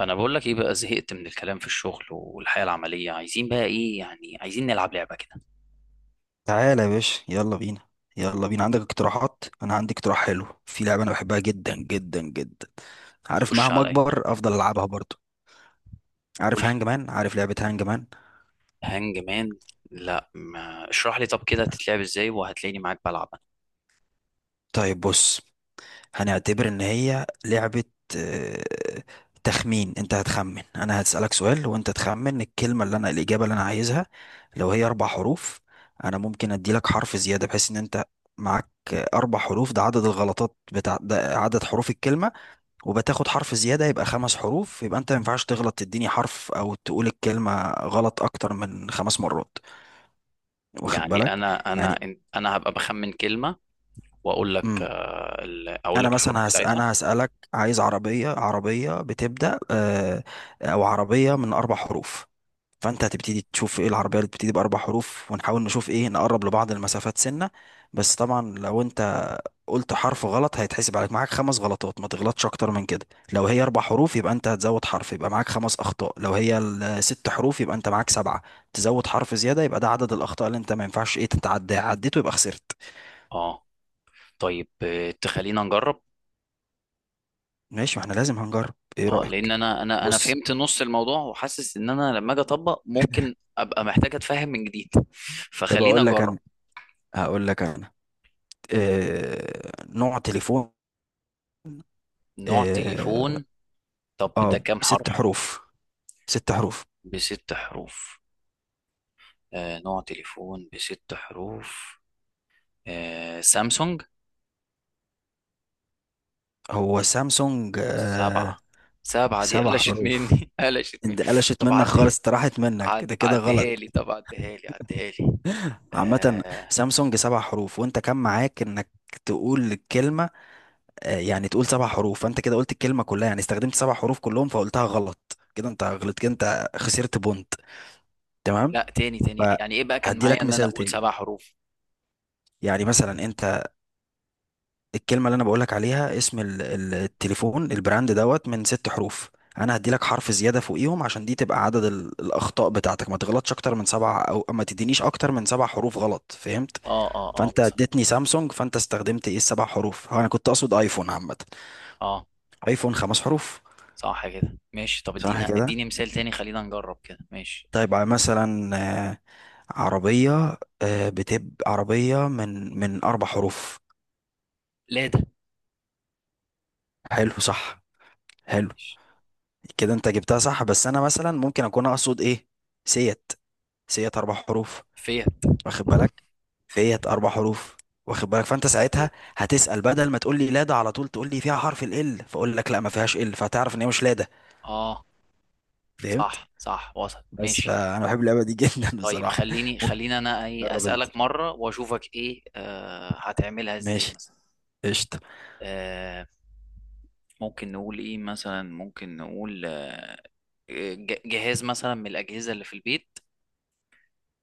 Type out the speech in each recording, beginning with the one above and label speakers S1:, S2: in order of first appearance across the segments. S1: انا بقول لك ايه بقى، زهقت من الكلام في الشغل والحياه العمليه. عايزين بقى ايه؟ يعني عايزين نلعب لعبه كده.
S2: تعالى يا باشا، يلا بينا. يلا بينا، عندك اقتراحات؟ انا عندي اقتراح حلو في لعبه انا بحبها جدا جدا جدا. عارف
S1: خش
S2: مهما
S1: عليا.
S2: اكبر افضل العبها برضو.
S1: قول
S2: عارف
S1: لي.
S2: هانج مان؟ عارف لعبه هانج مان؟
S1: هانج مان. لا، ما اشرح لي طب كده تتلعب ازاي، وهتلاقيني معاك بلعب.
S2: طيب بص، هنعتبر ان هي لعبه آه، تخمين. انت هتخمن، انا هسالك سؤال وانت تخمن الكلمه اللي انا الاجابه اللي انا عايزها. لو هي 4 حروف انا ممكن ادي لك حرف زياده بحيث ان انت معاك اربع حروف، ده عدد الغلطات ده عدد حروف الكلمه، وبتاخد حرف زيادة يبقى خمس حروف، يبقى انت ما ينفعش تغلط تديني حرف او تقول الكلمة غلط اكتر من 5 مرات. واخد
S1: يعني
S2: بالك؟
S1: انا انا
S2: يعني.
S1: إن- انا هبقى بخمن كلمه، واقول لك
S2: امم
S1: اقول
S2: انا
S1: لك الحروف
S2: مثلا هس...
S1: بتاعتها.
S2: انا هسألك عايز عربية، عربية بتبدأ او عربية من 4 حروف. فانت هتبتدي تشوف ايه العربيه اللي بتبتدي باربع حروف، ونحاول نشوف ايه نقرب لبعض المسافات سنه. بس طبعا لو انت قلت حرف غلط هيتحسب عليك معاك 5 غلطات، ما تغلطش اكتر من كده. لو هي اربع حروف يبقى انت هتزود حرف يبقى معاك 5 اخطاء، لو هي 6 حروف يبقى انت معاك 7. تزود حرف زياده، يبقى ده عدد الاخطاء اللي انت ما ينفعش ايه تتعدى عديته، يبقى خسرت.
S1: اه، طيب تخلينا نجرب.
S2: ماشي، ما احنا لازم هنجرب، ايه
S1: اه، لان
S2: رايك؟
S1: انا
S2: بص.
S1: فهمت نص الموضوع، وحاسس ان انا لما اجي اطبق ممكن ابقى محتاج اتفهم من جديد.
S2: طب
S1: فخلينا
S2: اقول لك
S1: نجرب.
S2: انا، هقول لك انا نوع تليفون.
S1: نوع
S2: اه.
S1: تليفون. طب ده كام
S2: ست
S1: حرف؟
S2: حروف ست حروف.
S1: بست حروف. نوع تليفون بست حروف. سامسونج.
S2: هو سامسونج آه.
S1: سبعة. سبعة دي
S2: سبع
S1: قلشت
S2: حروف،
S1: مني قلشت مني.
S2: انت قلشت
S1: طب
S2: منك خالص،
S1: عديها.
S2: انت راحت منك، ده كده
S1: عديها
S2: غلط.
S1: لي، طب عديها لي، عديها لي.
S2: عامة،
S1: آه،
S2: سامسونج 7 حروف، وانت كان معاك انك تقول الكلمة يعني، تقول سبع حروف، فانت كده قلت الكلمة كلها، يعني استخدمت سبع حروف كلهم فقلتها غلط. كده انت غلطت، كده انت خسرت بونت. تمام.
S1: لا، تاني تاني. يعني ايه بقى كان
S2: فهدي
S1: معايا
S2: لك
S1: ان انا
S2: مثال
S1: اقول
S2: تاني.
S1: سبع حروف؟
S2: يعني مثلا انت، الكلمة اللي أنا بقولك عليها اسم التليفون، البراند دوت، من 6 حروف. أنا هديلك حرف زيادة فوقيهم عشان دي تبقى عدد الأخطاء بتاعتك، ما تغلطش أكتر من سبع أو ما تدينيش أكتر من 7 حروف غلط. فهمت؟
S1: اه، اه، اه،
S2: فأنت
S1: مثلا.
S2: اديتني سامسونج، فأنت استخدمت إيه السبع حروف، هو أنا كنت أقصد أيفون عامة.
S1: اه،
S2: أيفون 5 حروف.
S1: صح كده ماشي. طب
S2: صح
S1: ادينا
S2: كده.
S1: اديني مثال تاني، خلينا نجرب كده ماشي.
S2: طيب مثلا آه، عربية، بتبقى عربية من 4 حروف.
S1: لادا.
S2: حلو صح، حلو.
S1: ماشي.
S2: كده انت جبتها صح، بس انا مثلا ممكن اكون اقصد ايه، سيت. سيت 4 حروف.
S1: فيت.
S2: واخد بالك فيت 4 حروف. واخد بالك؟ فانت ساعتها
S1: طيب.
S2: هتسأل بدل ما تقول لي لا ده على طول، تقول لي فيها حرف ال ال، فاقول لك لا ما فيهاش ال، فهتعرف ان هي مش لا ده.
S1: اه.
S2: فهمت؟
S1: صح، صح، وصل
S2: بس
S1: ماشي.
S2: فانا بحب اللعبه دي جدا
S1: طيب،
S2: بصراحه.
S1: خليني
S2: ممكن
S1: خليني انا ايه
S2: تجرب انت.
S1: اسالك مره، واشوفك ايه هتعملها ازاي
S2: ماشي،
S1: مثلا.
S2: قشطه.
S1: آه. ممكن نقول ايه مثلا؟ ممكن نقول جهاز مثلا من الاجهزه اللي في البيت.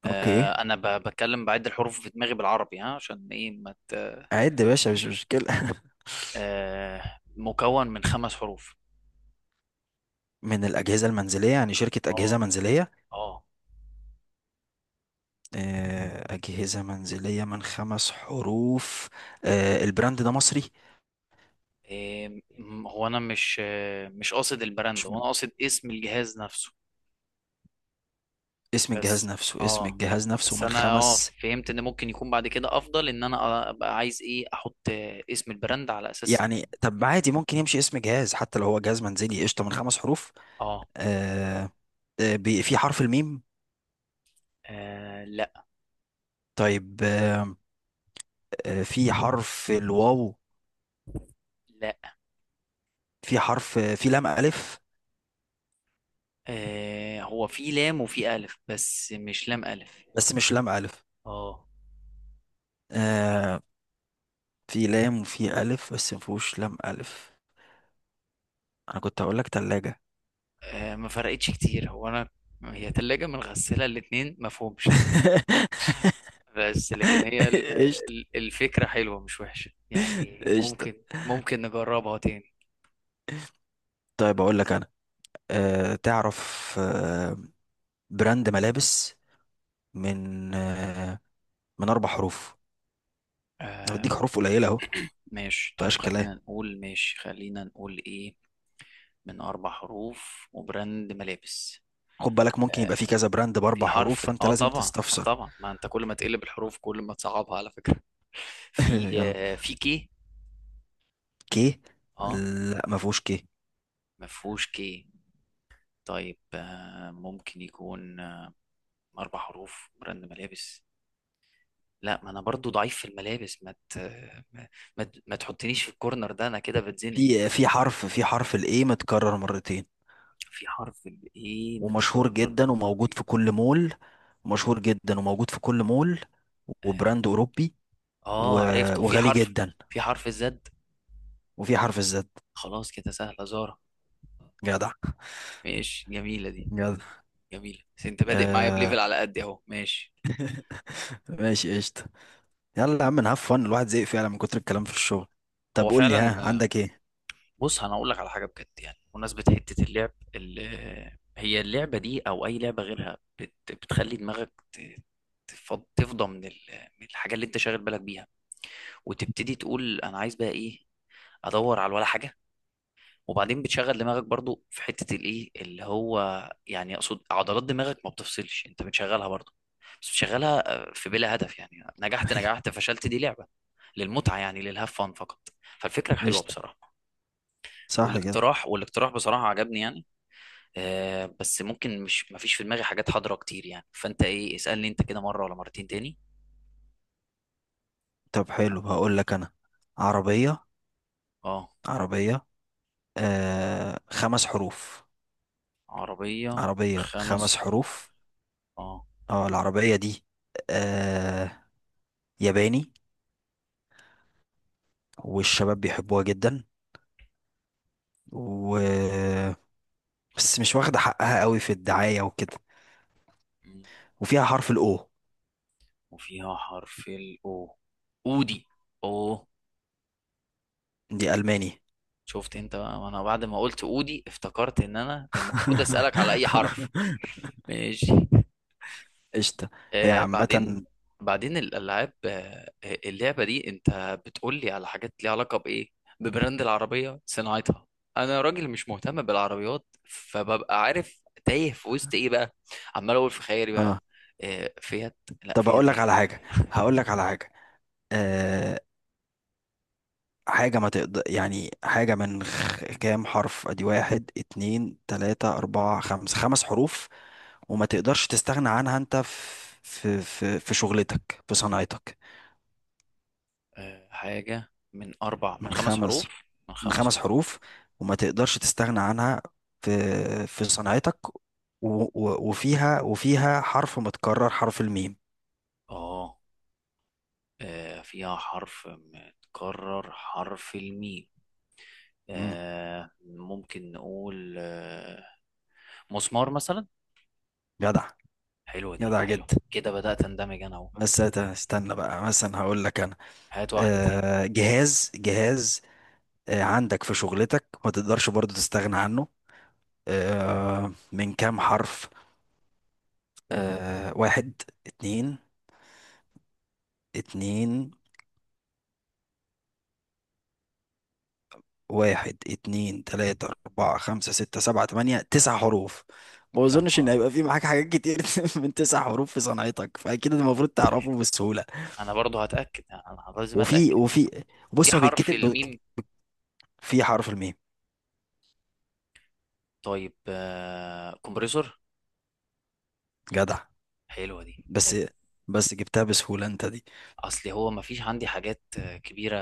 S2: اوكي،
S1: انا بتكلم بعد الحروف في دماغي بالعربي، ها، عشان ايه ما مت...
S2: عد يا باشا مش مشكله.
S1: مكون من خمس حروف.
S2: من الاجهزه المنزليه، يعني شركه اجهزه
S1: اه،
S2: منزليه.
S1: اه.
S2: اجهزه منزليه من 5 حروف. البراند ده مصري؟
S1: إيه؟ هو انا مش مش قاصد البراند،
S2: مش
S1: هو
S2: من.
S1: انا قاصد اسم الجهاز نفسه.
S2: اسم الجهاز
S1: بس.
S2: نفسه، اسم
S1: اه.
S2: الجهاز نفسه
S1: بس
S2: من
S1: انا
S2: خمس.
S1: فهمت ان ممكن يكون بعد كده افضل، ان انا ابقى عايز ايه احط اسم البراند على اساس.
S2: يعني طب عادي ممكن يمشي اسم جهاز حتى لو هو جهاز منزلي، قشطة، من 5 حروف.
S1: اه.
S2: آه في حرف الميم؟
S1: آه، لا.
S2: طيب في حرف الواو؟
S1: لا.
S2: في حرف في لام ألف.
S1: هو في لام وفي الف، بس مش لام الف.
S2: بس مش لام ألف.
S1: اه.
S2: آه في لام وفي ألف بس مفهوش لام ألف. أنا كنت هقول لك تلاجة.
S1: ما فرقتش كتير، هو انا هي تلاجة من غسالة، الاتنين ما فهمش. بس لكن
S2: قشطة.
S1: الفكرة حلوة، مش وحشة يعني.
S2: قشطة.
S1: ممكن نجربها تاني.
S2: طيب أقول لك أنا تعرف براند ملابس من آه، من 4 حروف. انا
S1: آه.
S2: بديك حروف قليله اهو.
S1: ماشي،
S2: مفيهاش
S1: طيب
S2: كلام.
S1: خلينا نقول، ماشي خلينا نقول ايه. من أربع حروف وبراند ملابس.
S2: خد بالك، ممكن يبقى في
S1: آه،
S2: كذا براند باربع حروف، فانت
S1: اه،
S2: لازم
S1: طبعا، اه
S2: تستفسر.
S1: طبعا. ما انت كل ما تقلب الحروف، كل ما تصعبها على فكرة في
S2: يلا.
S1: آه، في كي.
S2: كي؟
S1: اه.
S2: لا ما فيهوش كي.
S1: ما فيهوش كي. طيب، ممكن يكون أربع حروف براند ملابس. لا، ما انا برضو ضعيف في الملابس. ما... ما تحطنيش في الكورنر ده، انا كده بتزنق.
S2: في حرف الاي متكرر مرتين.
S1: في حرف الايه
S2: ومشهور
S1: متكرر
S2: جدا وموجود
S1: مرتين.
S2: في كل مول. مشهور جدا وموجود في كل مول. وبراند اوروبي
S1: اه، عرفته. في
S2: وغالي
S1: حرف
S2: جدا.
S1: في حرف الزد.
S2: وفي حرف الزد.
S1: خلاص كده سهلة، زارة.
S2: جدع.
S1: ماشي، جميلة دي.
S2: جدع
S1: جميلة، بس انت بادئ معايا
S2: آه
S1: بليفل على قد اهو، ماشي.
S2: ماشي قشطة. يلا يا عم، نهاف فن، الواحد زهق فعلا من كتر الكلام في الشغل. طب
S1: هو
S2: قول لي، ها
S1: فعلا.
S2: عندك ايه؟
S1: بص، انا اقول لك على حاجه بجد يعني. بمناسبه حته اللعب ال- آه، هي اللعبه دي او اي لعبه غيرها بتخلي دماغك تفضى من الحاجه اللي انت شاغل بالك بيها، وتبتدي تقول انا عايز بقى ايه، ادور على ولا حاجه. وبعدين بتشغل دماغك برضو في حتة الايه اللي هو، يعني اقصد عضلات دماغك ما بتفصلش، انت بتشغلها برضو. بس بتشغلها في بلا هدف يعني. نجحت،
S2: ايوه.
S1: نجحت، فشلت، دي لعبة للمتعة يعني، للهاف فان فقط. فالفكرة حلوة
S2: قشطة
S1: بصراحة.
S2: صح كده.
S1: والاقتراح بصراحة عجبني يعني. بس ممكن، مش ما فيش في دماغي حاجات حاضرة كتير يعني. فانت ايه اسألني انت كده مرة ولا مرتين تاني.
S2: طب حلو، هقول لك انا، عربية.
S1: اه.
S2: عربية 5 حروف.
S1: عربية.
S2: عربية
S1: خمس
S2: خمس
S1: حروف.
S2: حروف
S1: اه.
S2: اه العربية دي آه ياباني، والشباب بيحبوها جدا، و بس مش واخدة حقها قوي في الدعاية وكده.
S1: م.
S2: وفيها حرف الاو.
S1: وفيها حرف الاو. اودي. او.
S2: دي ألماني.
S1: شفت انت بقى؟ وانا بعد ما قلت اودي افتكرت ان انا المفروض اسالك على اي حرف. ماشي.
S2: قشطة. هي
S1: بعدين،
S2: عامة.
S1: بعدين الالعاب اللعبه دي انت بتقول لي على حاجات ليها علاقه بايه؟ ببراند العربيه؟ صناعتها؟ انا راجل مش مهتم بالعربيات، فببقى عارف تايه في وسط ايه بقى، عمال اقول في خيالي بقى.
S2: اه
S1: فيات. لا
S2: طب اقول
S1: فيات
S2: لك
S1: ايه.
S2: على حاجه هقول لك على حاجه. أه، حاجه ما تقدر يعني، حاجه من كام حرف، ادي واحد اتنين تلاته اربعه خمسه 5 حروف. وما تقدرش تستغنى عنها انت في شغلتك، في صناعتك.
S1: حاجه
S2: من
S1: من خمس
S2: خمس
S1: حروف، من
S2: من
S1: خمس
S2: خمس
S1: حروف.
S2: حروف وما تقدرش تستغنى عنها في في صناعتك. و... و... وفيها وفيها حرف متكرر، حرف الميم.
S1: اه. فيها حرف متكرر، حرف الميم.
S2: مم.
S1: ممكن نقول مسمار مثلا.
S2: جدع.
S1: حلوة دي،
S2: جدع
S1: حلو
S2: جدا.
S1: كده، بدأت اندمج انا اهو.
S2: بس استنى بقى، مثلا هقول لك
S1: هات واحدة تاني.
S2: جهاز، عندك في شغلتك ما تقدرش برضو تستغنى عنه، من كام حرف. واحد اتنين اتنين. واحد اتنين تلاتة أربعة خمسة ستة سبعة تمانية 9 حروف. ما
S1: يا
S2: أظنش إن
S1: نهار
S2: هيبقى
S1: أبيض!
S2: في معاك حاجات كتير. من 9 حروف في صنعتك، فأكيد المفروض
S1: طيب.
S2: تعرفه بسهولة.
S1: أنا برضو هتأكد، أنا لازم
S2: وفي
S1: أتأكد.
S2: وفي
S1: في
S2: بص، هو
S1: حرف
S2: بيتكتب
S1: الميم.
S2: في حرف الميم.
S1: طيب، كومبريسور.
S2: جدع.
S1: حلوة دي،
S2: بس
S1: حلو.
S2: بس جبتها بسهولة أنت دي.
S1: اصل هو مفيش عندي حاجات كبيره،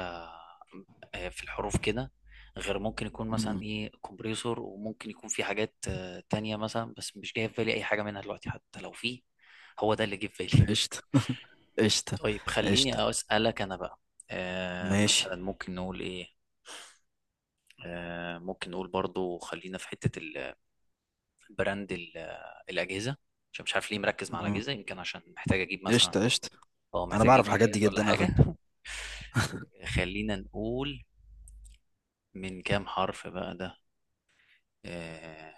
S1: في الحروف كده، غير ممكن يكون مثلا
S2: مم.
S1: ايه، كومبريسور، وممكن يكون في حاجات تانية مثلا، بس مش جاي في بالي اي حاجه منها دلوقتي حتى لو في. هو ده اللي جه في بالي.
S2: قشطة قشطة
S1: طيب
S2: قشطة.
S1: خليني اسالك انا بقى. مثلا
S2: ماشي.
S1: ممكن نقول ايه؟ ممكن نقول برضو، خلينا في حته البراند الاجهزه، عشان مش عارف ليه مركز مع
S2: مم.
S1: الاجهزه، يمكن عشان محتاج اجيب مثلا،
S2: قشطة قشطة.
S1: اه،
S2: أنا
S1: محتاج
S2: بعرف
S1: اجيب
S2: الحاجات دي
S1: جهاز ولا
S2: جدا على
S1: حاجه.
S2: فكرة.
S1: خلينا نقول، من كام حرف بقى ده؟ آه،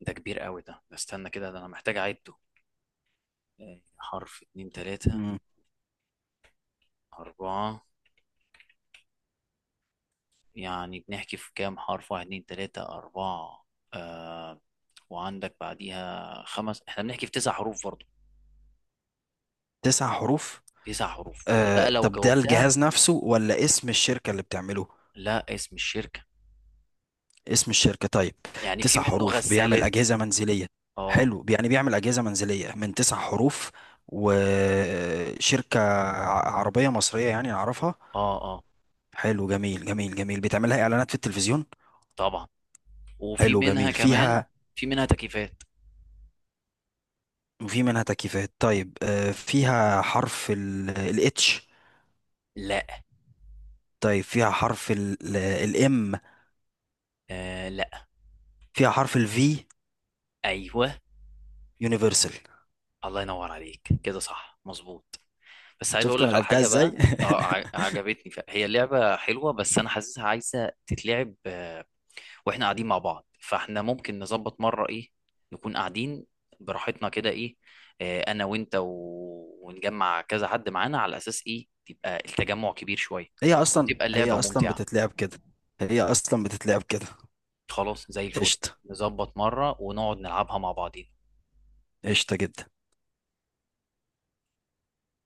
S1: ده كبير قوي. ده استنى كده، ده انا محتاج اعده. حرف، اتنين، تلاتة،
S2: مم.
S1: اربعة. يعني بنحكي في كام حرف؟ واحد، اتنين، تلاتة، اربعة. آه. وعندك بعديها خمس، احنا بنحكي في تسع حروف برضه.
S2: 9 حروف
S1: تسع حروف دي بقى لو
S2: طب ده
S1: جاوبتها.
S2: الجهاز نفسه ولا اسم الشركة اللي بتعمله؟
S1: لا، اسم الشركة.
S2: اسم الشركة. طيب،
S1: يعني في
S2: تسع
S1: منه
S2: حروف بيعمل
S1: غسالات.
S2: أجهزة منزلية.
S1: اه،
S2: حلو، يعني بيعمل أجهزة منزلية من 9 حروف، وشركة عربية مصرية يعني أعرفها.
S1: اه، اه،
S2: حلو، جميل جميل جميل، بتعملها إعلانات في التلفزيون.
S1: طبعا. وفي
S2: حلو
S1: منها
S2: جميل،
S1: كمان.
S2: فيها.
S1: في منها تكييفات.
S2: وفي منها تكييفات. طيب فيها حرف الاتش؟
S1: لا.
S2: طيب فيها حرف الام؟
S1: لا.
S2: فيها حرف الفي؟
S1: ايوه.
S2: يونيفرسال.
S1: الله ينور عليك، كده صح مظبوط. بس عايز اقول
S2: شفت انا
S1: لك على
S2: لعبتها
S1: حاجه
S2: ازاي
S1: بقى. اه، عجبتني. هي لعبه حلوه، بس انا حاسسها عايزه تتلعب واحنا قاعدين مع بعض، فاحنا ممكن نظبط مره ايه، نكون قاعدين براحتنا كده ايه، انا وانت ونجمع كذا حد معانا، على اساس ايه تبقى التجمع كبير شويه،
S2: هي اصلا
S1: وتبقى
S2: هي
S1: اللعبه
S2: اصلا
S1: ممتعه.
S2: بتتلعب كده. هي اصلا بتتلعب كده.
S1: خلاص، زي الفل.
S2: قشطه،
S1: نظبط مره ونقعد نلعبها مع بعضين.
S2: قشطه جدا.